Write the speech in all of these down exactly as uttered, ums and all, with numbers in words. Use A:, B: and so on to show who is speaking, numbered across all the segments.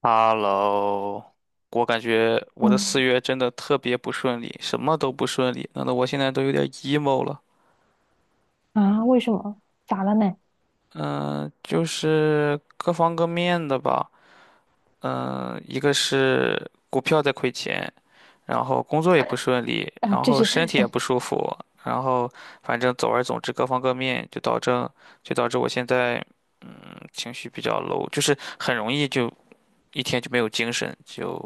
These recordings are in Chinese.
A: Hello，我感觉我的四
B: 嗯
A: 月真的特别不顺利，什么都不顺利，弄得我现在都有点 emo 了。
B: 啊，为什么？咋了呢？
A: 嗯、就是各方各面的吧。嗯、一个是股票在亏钱，然后工作也不顺利，
B: 啊，
A: 然
B: 这
A: 后
B: 是
A: 身体也不 舒服，然后反正总而总之各方各面就导致就导致我现在情绪比较 low，就是很容易就一天就没有精神，就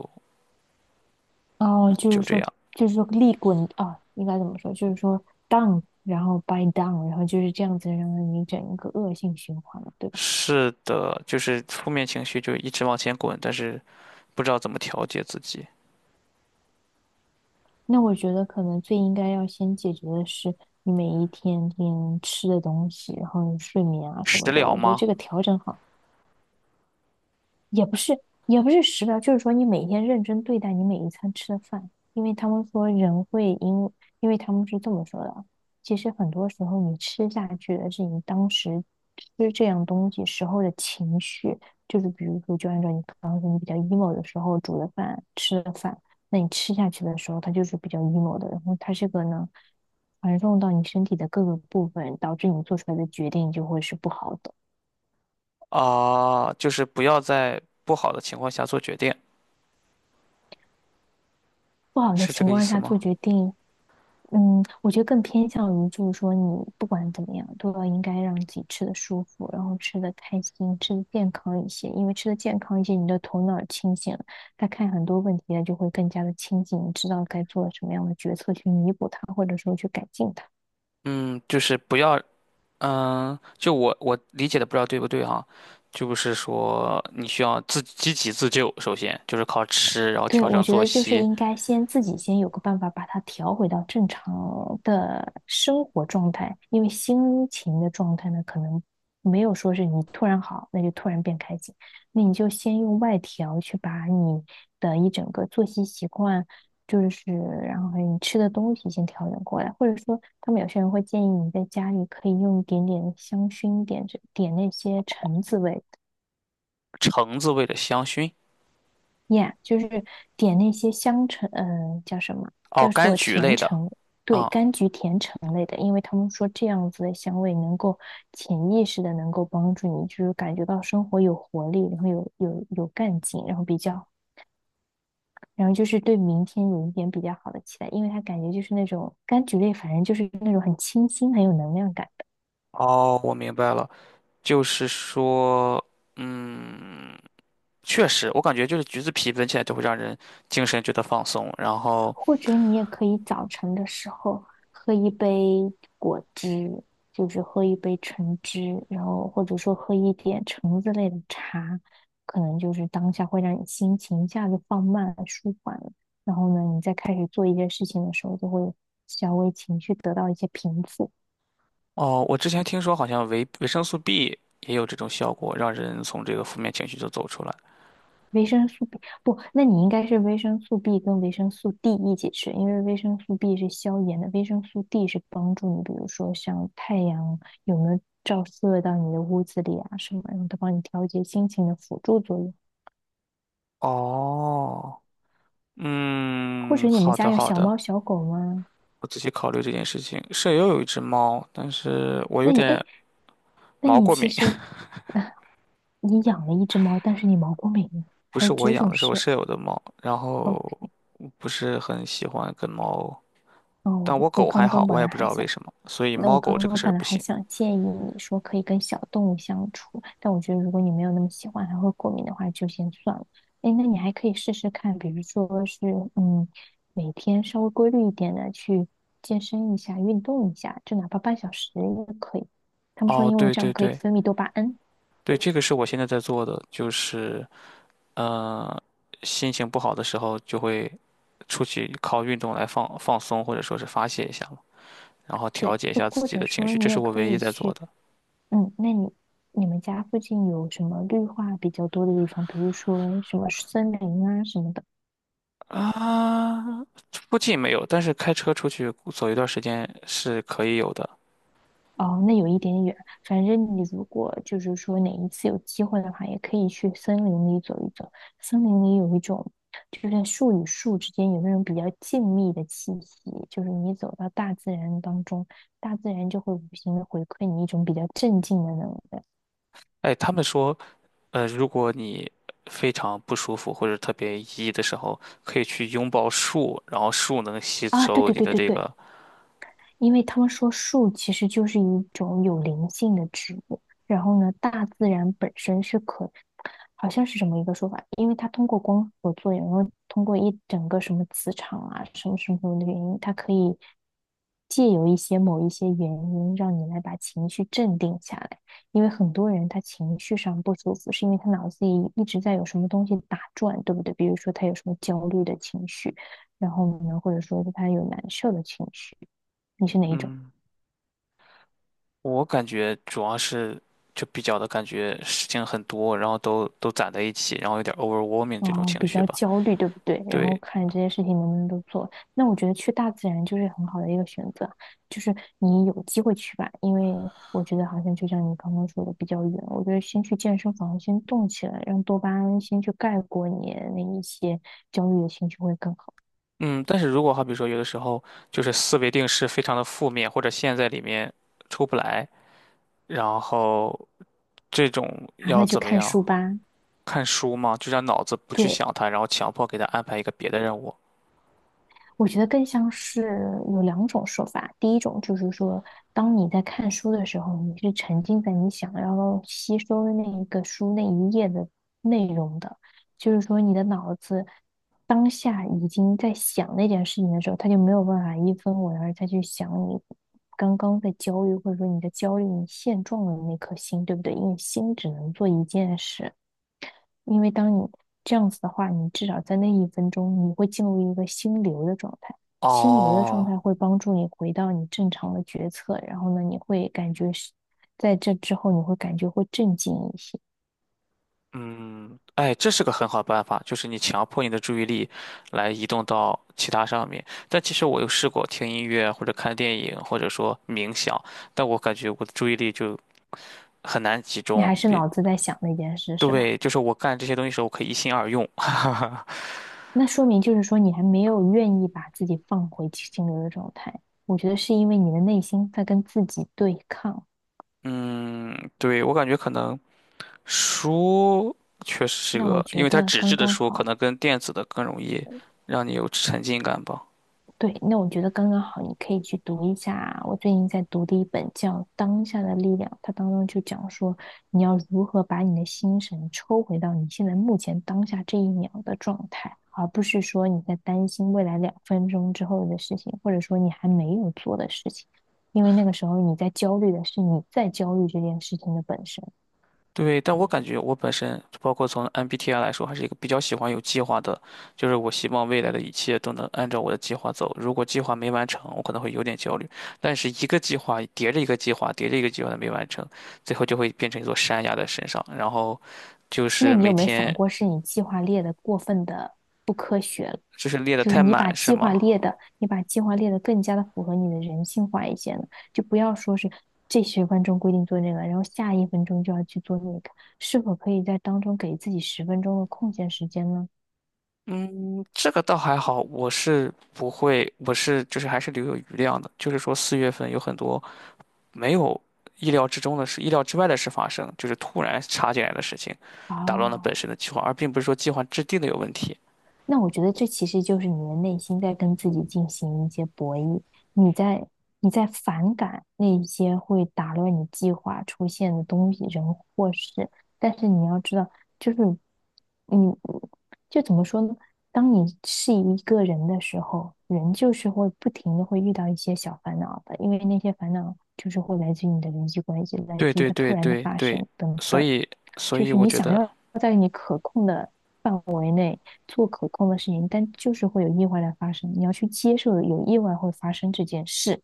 B: 哦，就
A: 就
B: 是
A: 这
B: 说，
A: 样。
B: 就是说利滚啊，应该怎么说？就是说 down，然后 by down，然后就是这样子，让你整一个恶性循环了，对吧？
A: 是的，就是负面情绪就一直往前滚，但是不知道怎么调节自己。
B: 那我觉得可能最应该要先解决的是你每一天天吃的东西，然后你睡眠啊什
A: 食
B: 么的，
A: 疗
B: 我觉得
A: 吗？
B: 这个调整好。也不是，也不是食疗，就是说你每天认真对待你每一餐吃的饭，因为他们说人会因，因为他们是这么说的啊其实很多时候你吃下去的是你当时吃这样东西时候的情绪，就是比如说，就按照你刚刚说你比较 emo 的时候煮的饭吃的饭，那你吃下去的时候它就是比较 emo 的，然后它这个呢传送到你身体的各个部分，导致你做出来的决定就会是不好的。
A: 啊，就是不要在不好的情况下做决定，
B: 不好的
A: 是这
B: 情
A: 个意
B: 况
A: 思
B: 下做
A: 吗？
B: 决定，嗯，我觉得更偏向于就是说，你不管怎么样，都要应该让自己吃的舒服，然后吃的开心，吃的健康一些。因为吃的健康一些，你的头脑清醒了，他看很多问题呢就会更加的清醒，你知道该做什么样的决策去弥补它，或者说去改进它。
A: 嗯，就是不要，嗯，就我我理解的不知道对不对哈，就是说你需要自积极自救，首先就是靠吃，然后
B: 对，
A: 调
B: 我
A: 整
B: 觉
A: 作
B: 得就是
A: 息。
B: 应该先自己先有个办法把它调回到正常的生活状态，因为心情的状态呢，可能没有说是你突然好，那就突然变开心，那你就先用外调去把你的一整个作息习惯，就是然后还有你吃的东西先调整过来，或者说他们有些人会建议你在家里可以用一点点香薰，点着点那些橙子味。
A: 橙子味的香薰，
B: Yeah,就是点那些香橙，嗯、叫什么？
A: 哦，
B: 叫
A: 柑
B: 做
A: 橘
B: 甜
A: 类的
B: 橙，对，
A: 啊，
B: 柑橘甜橙类的，因为他们说这样子的香味能够潜意识的能够帮助你，就是感觉到生活有活力，然后有有有干劲，然后比较，然后就是对明天有一点比较好的期待，因为它感觉就是那种柑橘类，反正就是那种很清新，很有能量感。
A: 哦，我明白了，就是说。确实，我感觉就是橘子皮闻起来就会让人精神觉得放松。然后，
B: 或者你也可以早晨的时候喝一杯果汁，就是喝一杯橙汁，然后或者说喝一点橙子类的茶，可能就是当下会让你心情一下子放慢舒缓了。然后呢，你再开始做一件事情的时候，就会稍微情绪得到一些平复。
A: 哦，我之前听说好像维维生素 B 也有这种效果，让人从这个负面情绪中走出来。
B: 维生素 B 不，那你应该是维生素 B 跟维生素 D 一起吃，因为维生素 B 是消炎的，维生素 D 是帮助你，比如说像太阳有没有照射到你的屋子里啊什么，然后它帮你调节心情的辅助作用。
A: 哦，
B: 或
A: 嗯，
B: 者你们
A: 好
B: 家
A: 的
B: 有
A: 好
B: 小
A: 的，
B: 猫小狗吗？
A: 我仔细考虑这件事情。舍友有一只猫，但是我有
B: 那你哎，
A: 点
B: 那
A: 毛
B: 你
A: 过
B: 其
A: 敏，
B: 实 啊，你养了一只猫，但是你毛过敏，
A: 不
B: 还
A: 是
B: 有
A: 我
B: 这
A: 养
B: 种
A: 的，是我
B: 事？
A: 舍友的猫。然后
B: 哦
A: 我不是很喜欢跟猫，
B: 哦，
A: 但
B: 我
A: 我
B: 我
A: 狗还
B: 刚
A: 好，
B: 刚本
A: 我
B: 来
A: 也不知
B: 还
A: 道为
B: 想。
A: 什么，所以
B: 那
A: 猫
B: 我
A: 狗
B: 刚
A: 这个
B: 刚
A: 事
B: 本
A: 儿
B: 来
A: 不
B: 还
A: 行。
B: 想建议你说可以跟小动物相处，但我觉得如果你没有那么喜欢它会过敏的话，就先算了。哎，那你还可以试试看，比如说是嗯，每天稍微规律一点的去健身一下、运动一下，就哪怕半小时也可以。他们说
A: 哦，
B: 因为
A: 对
B: 这样
A: 对
B: 可以
A: 对。
B: 分泌多巴胺，
A: 对，这个是我现在在做的，就是呃，心情不好的时候就会出去靠运动来放放松，或者说是发泄一下嘛，然后调
B: 对，
A: 节一
B: 又
A: 下自
B: 或
A: 己
B: 者
A: 的情
B: 说
A: 绪，这
B: 你
A: 是
B: 也
A: 我
B: 可
A: 唯一
B: 以
A: 在做
B: 去，
A: 的。
B: 嗯，那你你们家附近有什么绿化比较多的地方，比如说什么森林啊什么的。
A: 啊，附近没有，但是开车出去走一段时间是可以有的。
B: 哦，那有一点点远。反正你如果就是说哪一次有机会的话，也可以去森林里走一走。森林里有一种，就是在树与树之间有那种比较静谧的气息，就是你走到大自然当中，大自然就会无形的回馈你一种比较镇静的能量。
A: 哎，他们说，呃，如果你非常不舒服或者特别抑郁的时候，可以去拥抱树，然后树能吸
B: 啊，对
A: 收
B: 对
A: 你
B: 对
A: 的
B: 对
A: 这
B: 对，
A: 个，
B: 因为他们说树其实就是一种有灵性的植物，然后呢，大自然本身是可，好像是什么一个说法，因为它通过光合作用，然后通过一整个什么磁场啊，什么什么什么的原因，它可以借由一些某一些原因，让你来把情绪镇定下来。因为很多人他情绪上不舒服，是因为他脑子里一直在有什么东西打转，对不对？比如说他有什么焦虑的情绪，然后呢，或者说他有难受的情绪。你是哪一种？
A: 嗯，我感觉主要是就比较的感觉事情很多，然后都都攒在一起，然后有点 overwhelming 这种
B: 哦，
A: 情
B: 比
A: 绪
B: 较
A: 吧。
B: 焦虑，对不对？然后
A: 对，
B: 看这些事情能不能都做。那我觉得去大自然就是很好的一个选择，就是你有机会去吧，因为我觉得好像就像你刚刚说的比较远，我觉得先去健身房先动起来，让多巴胺先去盖过你那一些焦虑的情绪会更好。
A: 嗯，但是如果好比说有的时候就是思维定势非常的负面，或者陷在里面出不来，然后这种
B: 啊，那
A: 要
B: 就
A: 怎么
B: 看
A: 样？
B: 书吧。
A: 看书吗？就让脑子不去
B: 对。
A: 想它，然后强迫给它安排一个别的任务。
B: 我觉得更像是有两种说法，第一种就是说，当你在看书的时候，你是沉浸在你想要吸收的那一个书那一页的内容的，就是说你的脑子当下已经在想那件事情的时候，他就没有办法一分为二再去想你刚刚在焦虑，或者说你在焦虑、你现状的那颗心，对不对？因为心只能做一件事，因为当你这样子的话，你至少在那一分钟，你会进入一个心流的状态。心流的状
A: 哦，
B: 态会帮助你回到你正常的决策，然后呢，你会感觉是在这之后，你会感觉会镇静一些。
A: 嗯，哎，这是个很好办法，就是你强迫你的注意力来移动到其他上面。但其实我有试过听音乐或者看电影，或者说冥想，但我感觉我的注意力就很难集
B: 你
A: 中。
B: 还是
A: 并
B: 脑子在想那件事，是吧？
A: 对，就是我干这些东西的时候，我可以一心二用。
B: 那说明就是说你还没有愿意把自己放回心流的状态。我觉得是因为你的内心在跟自己对抗。
A: 嗯，对，我感觉可能书确实是
B: 那我
A: 个，因
B: 觉
A: 为它
B: 得
A: 纸质
B: 刚
A: 的
B: 刚
A: 书可
B: 好。
A: 能跟电子的更容易让你有沉浸感吧。
B: 对，那我觉得刚刚好，你可以去读一下啊。我最近在读的一本叫《当下的力量》，它当中就讲说，你要如何把你的心神抽回到你现在目前当下这一秒的状态，而不是说你在担心未来两分钟之后的事情，或者说你还没有做的事情，因为那个时候你在焦虑的是你在焦虑这件事情的本身。
A: 对，但我感觉我本身，包括从 M B T I 来说，还是一个比较喜欢有计划的，就是我希望未来的一切都能按照我的计划走。如果计划没完成，我可能会有点焦虑。但是一个计划叠着一个计划，叠着一个计划的没完成，最后就会变成一座山压在身上。然后就
B: 那
A: 是
B: 你有
A: 每
B: 没有想
A: 天
B: 过，是你计划列的过分的不科学了？
A: 就是列得
B: 就是
A: 太
B: 你
A: 满，
B: 把
A: 是
B: 计划
A: 吗？
B: 列的，你把计划列的更加的符合你的人性化一些呢？就不要说是这十分钟规定做那个，然后下一分钟就要去做那个，是否可以在当中给自己十分钟的空闲时间呢？
A: 嗯，这个倒还好，我是不会，我是就是还是留有余量的。就是说四月份有很多没有意料之中的事、意料之外的事发生，就是突然插进来的事情，打乱了本
B: 啊。
A: 身的计划，而并不是说计划制定的有问题。
B: 那我觉得这其实就是你的内心在跟自己进行一些博弈，你在你在反感那些会打乱你计划出现的东西、人或事，但是你要知道，就是你就怎么说呢？当你是一个人的时候，人就是会不停的会遇到一些小烦恼的，因为那些烦恼就是会来自于你的人际关系，来
A: 对
B: 自于
A: 对
B: 它突
A: 对
B: 然的
A: 对
B: 发
A: 对，
B: 生等
A: 所
B: 等。
A: 以所
B: 就
A: 以
B: 是
A: 我
B: 你
A: 觉
B: 想
A: 得，
B: 要在你可控的范围内做可控的事情，但就是会有意外的发生，你要去接受有意外会发生这件事。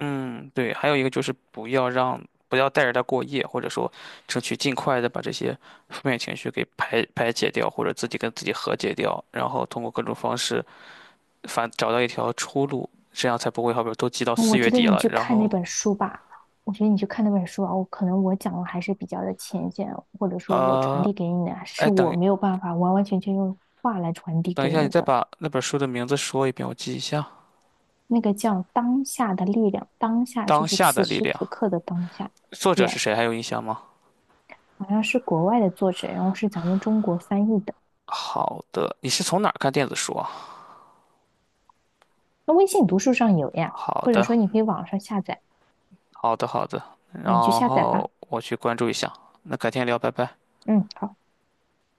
A: 嗯，对，还有一个就是不要让不要带着他过夜，或者说争取尽快的把这些负面情绪给排排解掉，或者自己跟自己和解掉，然后通过各种方式反找到一条出路，这样才不会好比说都积到
B: 嗯我
A: 四月
B: 觉得
A: 底
B: 你
A: 了，
B: 去
A: 然
B: 看那
A: 后
B: 本书吧，我觉得你去看那本书啊，我可能我讲的还是比较的浅显，或者说我传
A: 呃，
B: 递给你的是
A: 哎
B: 我
A: 等
B: 没有办法完完全全用话来传递
A: 等一
B: 给
A: 下，你
B: 你
A: 再
B: 的。
A: 把那本书的名字说一遍，我记一下。
B: 那个叫当下的力量，当下就
A: 当
B: 是
A: 下
B: 此
A: 的力
B: 时
A: 量，
B: 此刻的当下，
A: 作者
B: 也
A: 是
B: yeah,
A: 谁？还有印象吗？
B: 好像是国外的作者，然后是咱们中国翻译的。
A: 好的，你是从哪儿看电子书啊？
B: 那微信读书上有呀，
A: 好
B: 或者
A: 的，
B: 说你可以网上下载
A: 好的，好的。然
B: 啊，你去下载吧。
A: 后我去关注一下。那改天聊，拜拜。
B: 嗯，好。